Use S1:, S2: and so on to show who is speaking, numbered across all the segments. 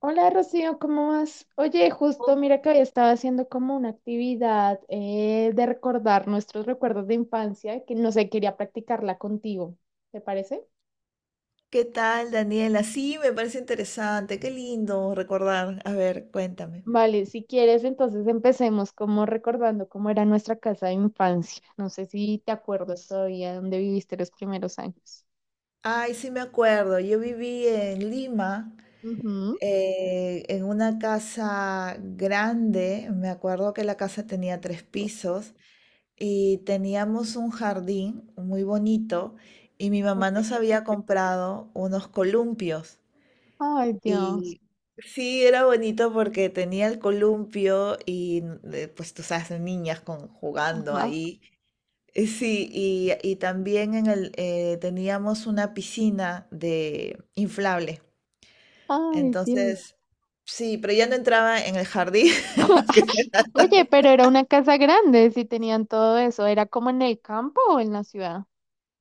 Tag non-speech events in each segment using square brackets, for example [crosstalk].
S1: Hola Rocío, ¿cómo vas? Oye, justo mira que hoy estaba haciendo como una actividad de recordar nuestros recuerdos de infancia, que no sé, quería practicarla contigo, ¿te parece?
S2: ¿Qué tal, Daniela? Sí, me parece interesante, qué lindo recordar. A ver, cuéntame.
S1: Vale, si quieres, entonces empecemos como recordando cómo era nuestra casa de infancia. No sé si te acuerdas todavía dónde viviste los primeros años.
S2: Ay, sí me acuerdo, yo viví en Lima,
S1: Ujú.
S2: en una casa grande, me acuerdo que la casa tenía tres pisos y teníamos un jardín muy bonito y mi
S1: Ok,
S2: mamá nos
S1: ok.
S2: había comprado unos columpios
S1: Ay, Dios.
S2: y Sí, era bonito porque tenía el columpio y pues tú sabes, niñas jugando
S1: Ajá.
S2: ahí. Sí, y también en el teníamos una piscina de inflable.
S1: Ay, Dios.
S2: Entonces, sí, pero ya no entraba en el jardín. [laughs] Aunque sea.
S1: Oye, pero era una casa grande, si tenían todo eso, ¿era como en el campo o en la ciudad?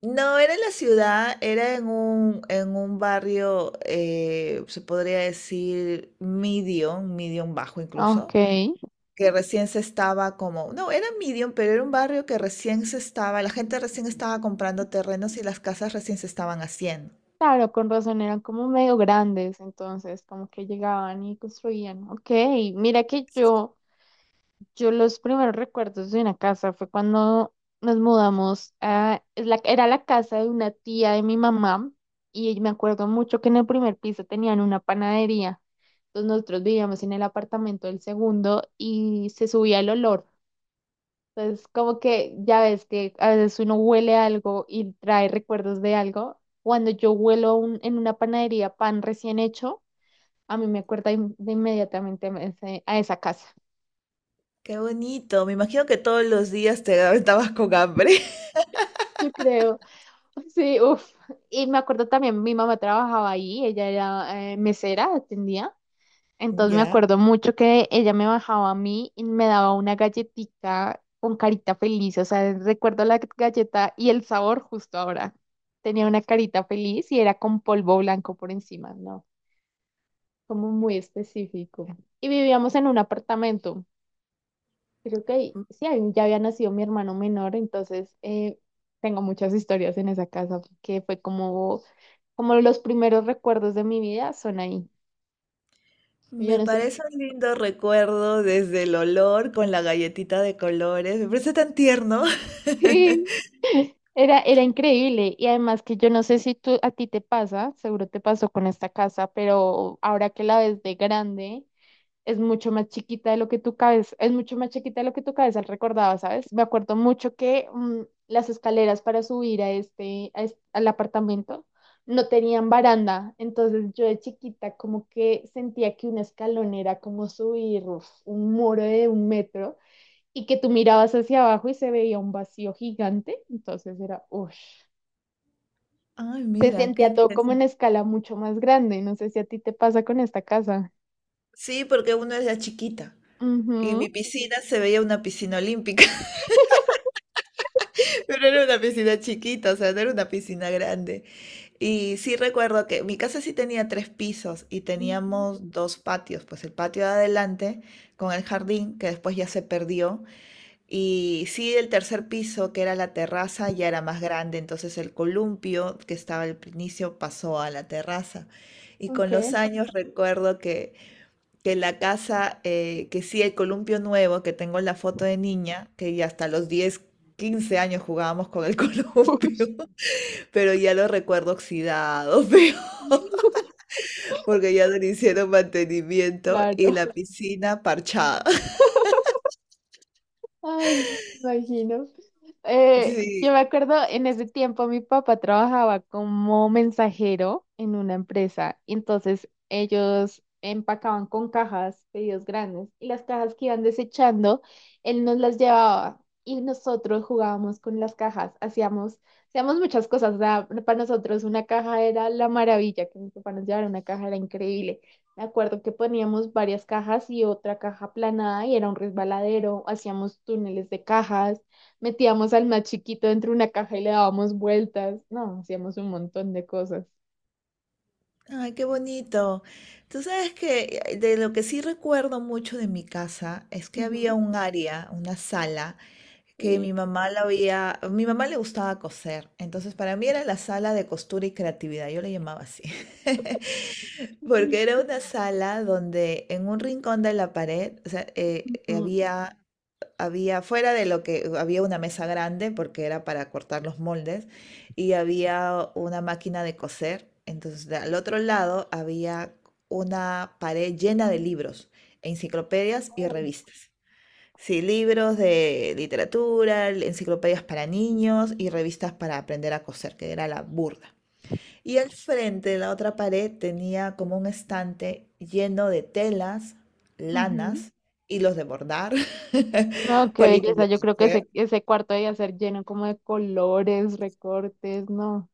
S2: No, era en la ciudad, era en un barrio, se podría decir medium bajo
S1: Ok,
S2: incluso, que recién se estaba como, no, era medium, pero era un barrio que recién se estaba, la gente recién estaba comprando terrenos y las casas recién se estaban haciendo.
S1: claro, con razón eran como medio grandes, entonces como que llegaban y construían. Ok, mira que yo los primeros recuerdos de una casa fue cuando nos mudamos era la casa de una tía de mi mamá y me acuerdo mucho que en el primer piso tenían una panadería. Entonces nosotros vivíamos en el apartamento del segundo y se subía el olor. Entonces, como que ya ves que a veces uno huele algo y trae recuerdos de algo. Cuando yo huelo en una panadería pan recién hecho, a mí me acuerda de inmediatamente a a esa casa. [laughs]
S2: Qué bonito. Me imagino que todos los días te estabas con hambre. [laughs]
S1: Yo creo, sí, uff. Y me acuerdo también, mi mamá trabajaba ahí, ella era mesera, atendía. Entonces me
S2: Ya.
S1: acuerdo mucho que ella me bajaba a mí y me daba una galletita con carita feliz. O sea, recuerdo la galleta y el sabor justo ahora. Tenía una carita feliz y era con polvo blanco por encima, ¿no? Como muy específico. Y vivíamos en un apartamento. Creo que
S2: M-
S1: sí, ahí ya había nacido mi hermano menor, entonces tengo muchas historias en esa casa que fue como los primeros recuerdos de mi vida son ahí. Yo
S2: Me
S1: no sé.
S2: parece un lindo recuerdo desde el olor con la galletita de colores. Me parece tan tierno. [laughs]
S1: Sí, era increíble. Y además que yo no sé si tú, a ti te pasa, seguro te pasó con esta casa, pero ahora que la ves de grande, es mucho más chiquita de lo que tu cabeza, es mucho más chiquita de lo que tu cabeza recordaba, ¿sabes? Me acuerdo mucho que las escaleras para subir a este, a es- al apartamento no tenían baranda. Entonces yo de chiquita como que sentía que un escalón era como subir uf, un muro de 1 metro y que tú mirabas hacia abajo y se veía un vacío gigante, entonces era, uff,
S2: Ay,
S1: se
S2: mira, qué
S1: sentía todo como en
S2: interesante.
S1: escala mucho más grande, no sé si a ti te pasa con esta casa.
S2: Sí, porque uno era chiquita y
S1: Ujú,
S2: mi piscina se veía una piscina olímpica, [laughs] pero era una piscina chiquita, o sea, no era una piscina grande. Y sí recuerdo que mi casa sí tenía tres pisos y
S1: ujú.
S2: teníamos dos patios, pues el patio de adelante con el jardín, que después ya se perdió. Y sí, el tercer piso, que era la terraza, ya era más grande, entonces el columpio que estaba al inicio pasó a la terraza. Y con
S1: Ok,
S2: los años recuerdo que la casa, que sí, el columpio nuevo, que tengo la foto de niña, que ya hasta los 10 15 años jugábamos con el [laughs] columpio, pero ya lo recuerdo oxidado, [laughs] feo,
S1: [laughs]
S2: porque ya no le hicieron mantenimiento y
S1: claro.
S2: la piscina parchada. [laughs]
S1: Ay, no me imagino. Yo
S2: Sí.
S1: me acuerdo en ese tiempo mi papá trabajaba como mensajero en una empresa, y entonces ellos empacaban con cajas, pedidos grandes, y las cajas que iban desechando, él nos las llevaba y nosotros jugábamos con las cajas, hacíamos muchas cosas, o sea, para nosotros una caja era la maravilla, que mi papá nos llevara una caja era increíble. Me acuerdo que poníamos varias cajas y otra caja aplanada y era un resbaladero, hacíamos túneles de cajas. Metíamos al más chiquito dentro de una caja y le dábamos vueltas. No, hacíamos un montón de cosas.
S2: Ay, qué bonito. Tú sabes que de lo que sí recuerdo mucho de mi casa es que había
S1: Ujú.
S2: un área, una sala, que
S1: Sí.
S2: mi mamá la había, a mi mamá le gustaba coser, entonces para mí era la sala de costura y creatividad, yo le llamaba así, [laughs]
S1: Ay,
S2: porque era una sala donde en un rincón de la pared, o sea,
S1: ujú,
S2: había, fuera de lo que había una mesa grande porque era para cortar los moldes y había una máquina de coser. Entonces, al otro lado había una pared llena de libros, enciclopedias y revistas. Sí, libros de literatura, enciclopedias para niños y revistas para aprender a coser, que era la burda. Y al frente de la otra pared tenía como un estante lleno de telas,
S1: ujú.
S2: lanas, hilos de bordar,
S1: No,
S2: [laughs]
S1: qué
S2: palitos
S1: belleza.
S2: de
S1: Yo creo que
S2: tejer.
S1: ese cuarto debía ser lleno como de colores, recortes, no.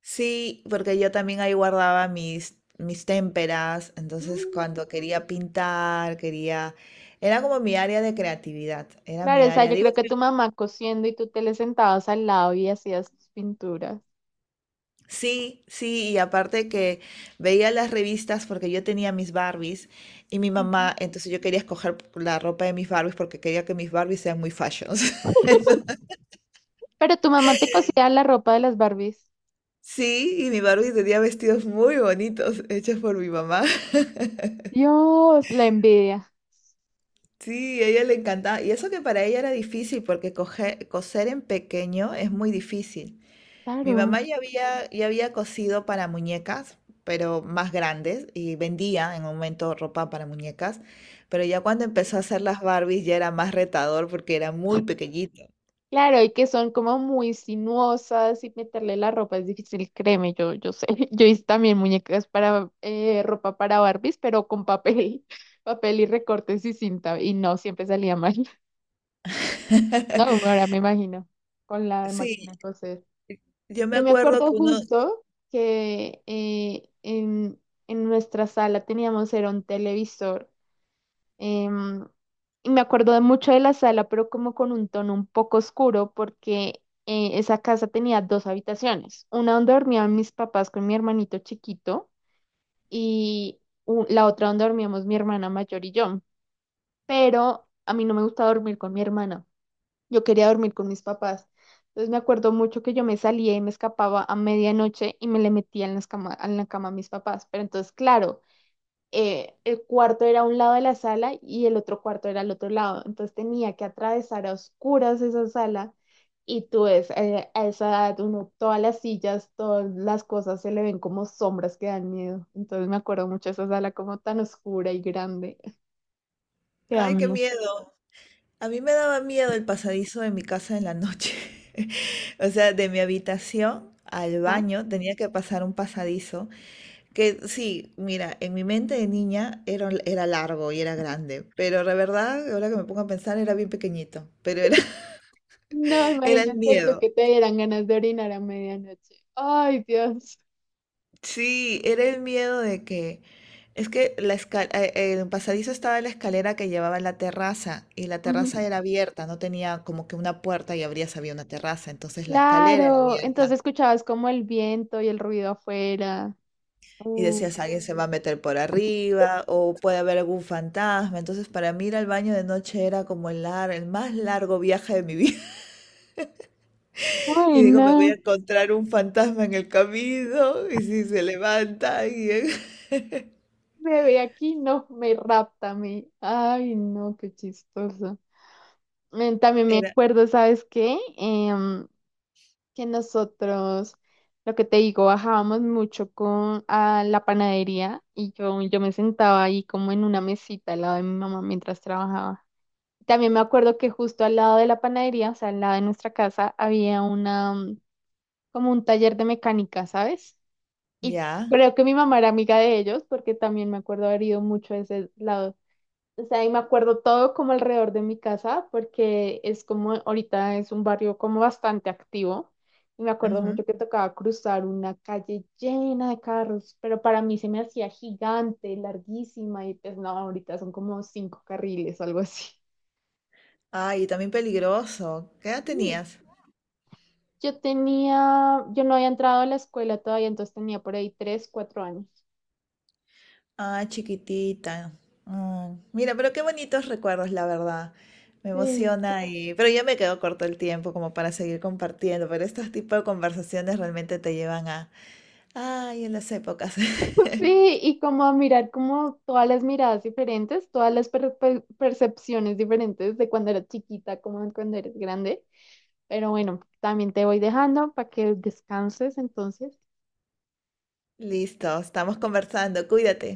S2: Sí, porque yo también ahí guardaba mis témperas, entonces
S1: Mm.
S2: cuando quería pintar, quería... Era como mi área de creatividad, era mi
S1: Claro, o sea,
S2: área,
S1: yo
S2: digo,
S1: creo que tu mamá cosiendo y tú te le sentabas al lado y hacías tus pinturas.
S2: sí, sí, y aparte que veía las revistas porque yo tenía mis Barbies y mi
S1: Ujú.
S2: mamá, entonces yo quería escoger la ropa de mis Barbies porque quería que mis Barbies sean muy fashions. [laughs]
S1: Pero tu mamá te cosía la ropa de las Barbies.
S2: Sí, y mi Barbie tenía vestidos muy bonitos hechos por mi mamá. [laughs]
S1: Dios, la envidia.
S2: Sí, a ella le encantaba. Y eso que para ella era difícil porque coser en pequeño es muy difícil. Mi
S1: Claro.
S2: mamá ya había cosido para muñecas, pero más grandes, y vendía en un momento ropa para muñecas, pero ya cuando empezó a hacer las Barbies ya era más retador porque era muy pequeñito.
S1: Claro, y que son como muy sinuosas y meterle la ropa es difícil, créeme, yo sé. [laughs] Yo hice también muñecas para ropa para Barbies, pero con papel, [laughs] papel y recortes y cinta, y no, siempre salía mal. [laughs] No,
S2: [laughs]
S1: ahora me imagino, con la
S2: Sí,
S1: máquina de coser.
S2: yo me
S1: Yo me
S2: acuerdo que
S1: acuerdo
S2: uno,
S1: justo que en nuestra sala teníamos, era un televisor, Em, y me acuerdo de mucho de la sala, pero como con un tono un poco oscuro, porque esa casa tenía dos habitaciones, una donde dormían mis papás con mi hermanito chiquito y la otra donde dormíamos mi hermana mayor y yo. Pero a mí no me gustaba dormir con mi hermana, yo quería dormir con mis papás. Entonces me acuerdo mucho que yo me salía y me escapaba a medianoche y me le metía en la cama a mis papás. Pero entonces, claro, el cuarto era un lado de la sala y el otro cuarto era al otro lado. Entonces tenía que atravesar a oscuras esa sala y tú ves, a esa edad uno, todas las sillas, todas las cosas se le ven como sombras que dan miedo. Entonces me acuerdo mucho de esa sala como tan oscura y grande [laughs] que da
S2: ay, qué
S1: miedo.
S2: miedo. A mí me daba miedo el pasadizo de mi casa en la noche. [laughs] O sea, de mi habitación al
S1: Ajá.
S2: baño tenía que pasar un pasadizo. Que sí, mira, en mi mente de niña era largo y era grande, pero la verdad, ahora que me pongo a pensar, era bien pequeñito, pero era,
S1: No,
S2: [laughs] era el
S1: imagínate tú
S2: miedo.
S1: que te dieran ganas de orinar a medianoche. Ay, Dios.
S2: Sí, era el miedo de que, es que el pasadizo estaba en la escalera que llevaba a la terraza y la
S1: Ujú.
S2: terraza era abierta, no tenía como que una puerta y abrías había una terraza, entonces la escalera era
S1: Claro,
S2: abierta.
S1: entonces escuchabas como el viento y el ruido afuera.
S2: Y
S1: Uh,
S2: decías, alguien se va a meter por arriba o puede haber algún fantasma. Entonces, para mí ir al baño de noche era como el más largo viaje de mi [laughs] vida. Y
S1: Ay,
S2: digo, me voy a
S1: no.
S2: encontrar un fantasma en el camino, y si se levanta, y [laughs]
S1: Me ve aquí, no, me rapta, me. Ay, no, qué chistoso. También me
S2: era,
S1: acuerdo, ¿sabes qué? Que nosotros, lo que te digo, bajábamos mucho con a la panadería y yo me sentaba ahí como en una mesita al lado de mi mamá mientras trabajaba. También me acuerdo que justo al lado de la panadería, o sea, al lado de nuestra casa, había una, como un taller de mecánica, ¿sabes? Y
S2: ya,
S1: creo que mi mamá era amiga de ellos porque también me acuerdo haber ido mucho a ese lado. O sea, y me acuerdo todo como alrededor de mi casa, porque es como, ahorita es un barrio como bastante activo, y me acuerdo
S2: ujú.
S1: mucho que tocaba cruzar una calle llena de carros, pero para mí se me hacía gigante, larguísima, y pues no, ahorita son como cinco carriles, algo así.
S2: Ay, y también peligroso. ¿Qué edad
S1: Sí.
S2: tenías?
S1: Yo tenía, yo no había entrado a la escuela todavía, entonces tenía por ahí 3, 4 años.
S2: Ah, chiquitita. Ah, mira, pero qué bonitos recuerdos, la verdad. Me
S1: Sí.
S2: emociona pero ya me quedo corto el tiempo como para seguir compartiendo, pero estos tipos de conversaciones realmente te llevan a, ay, en las épocas. [laughs]
S1: Sí, y como a mirar como todas las miradas diferentes, todas las percepciones diferentes de cuando eras chiquita, como de cuando eres grande. Pero bueno, también te voy dejando para que descanses entonces.
S2: Listo, estamos conversando, cuídate.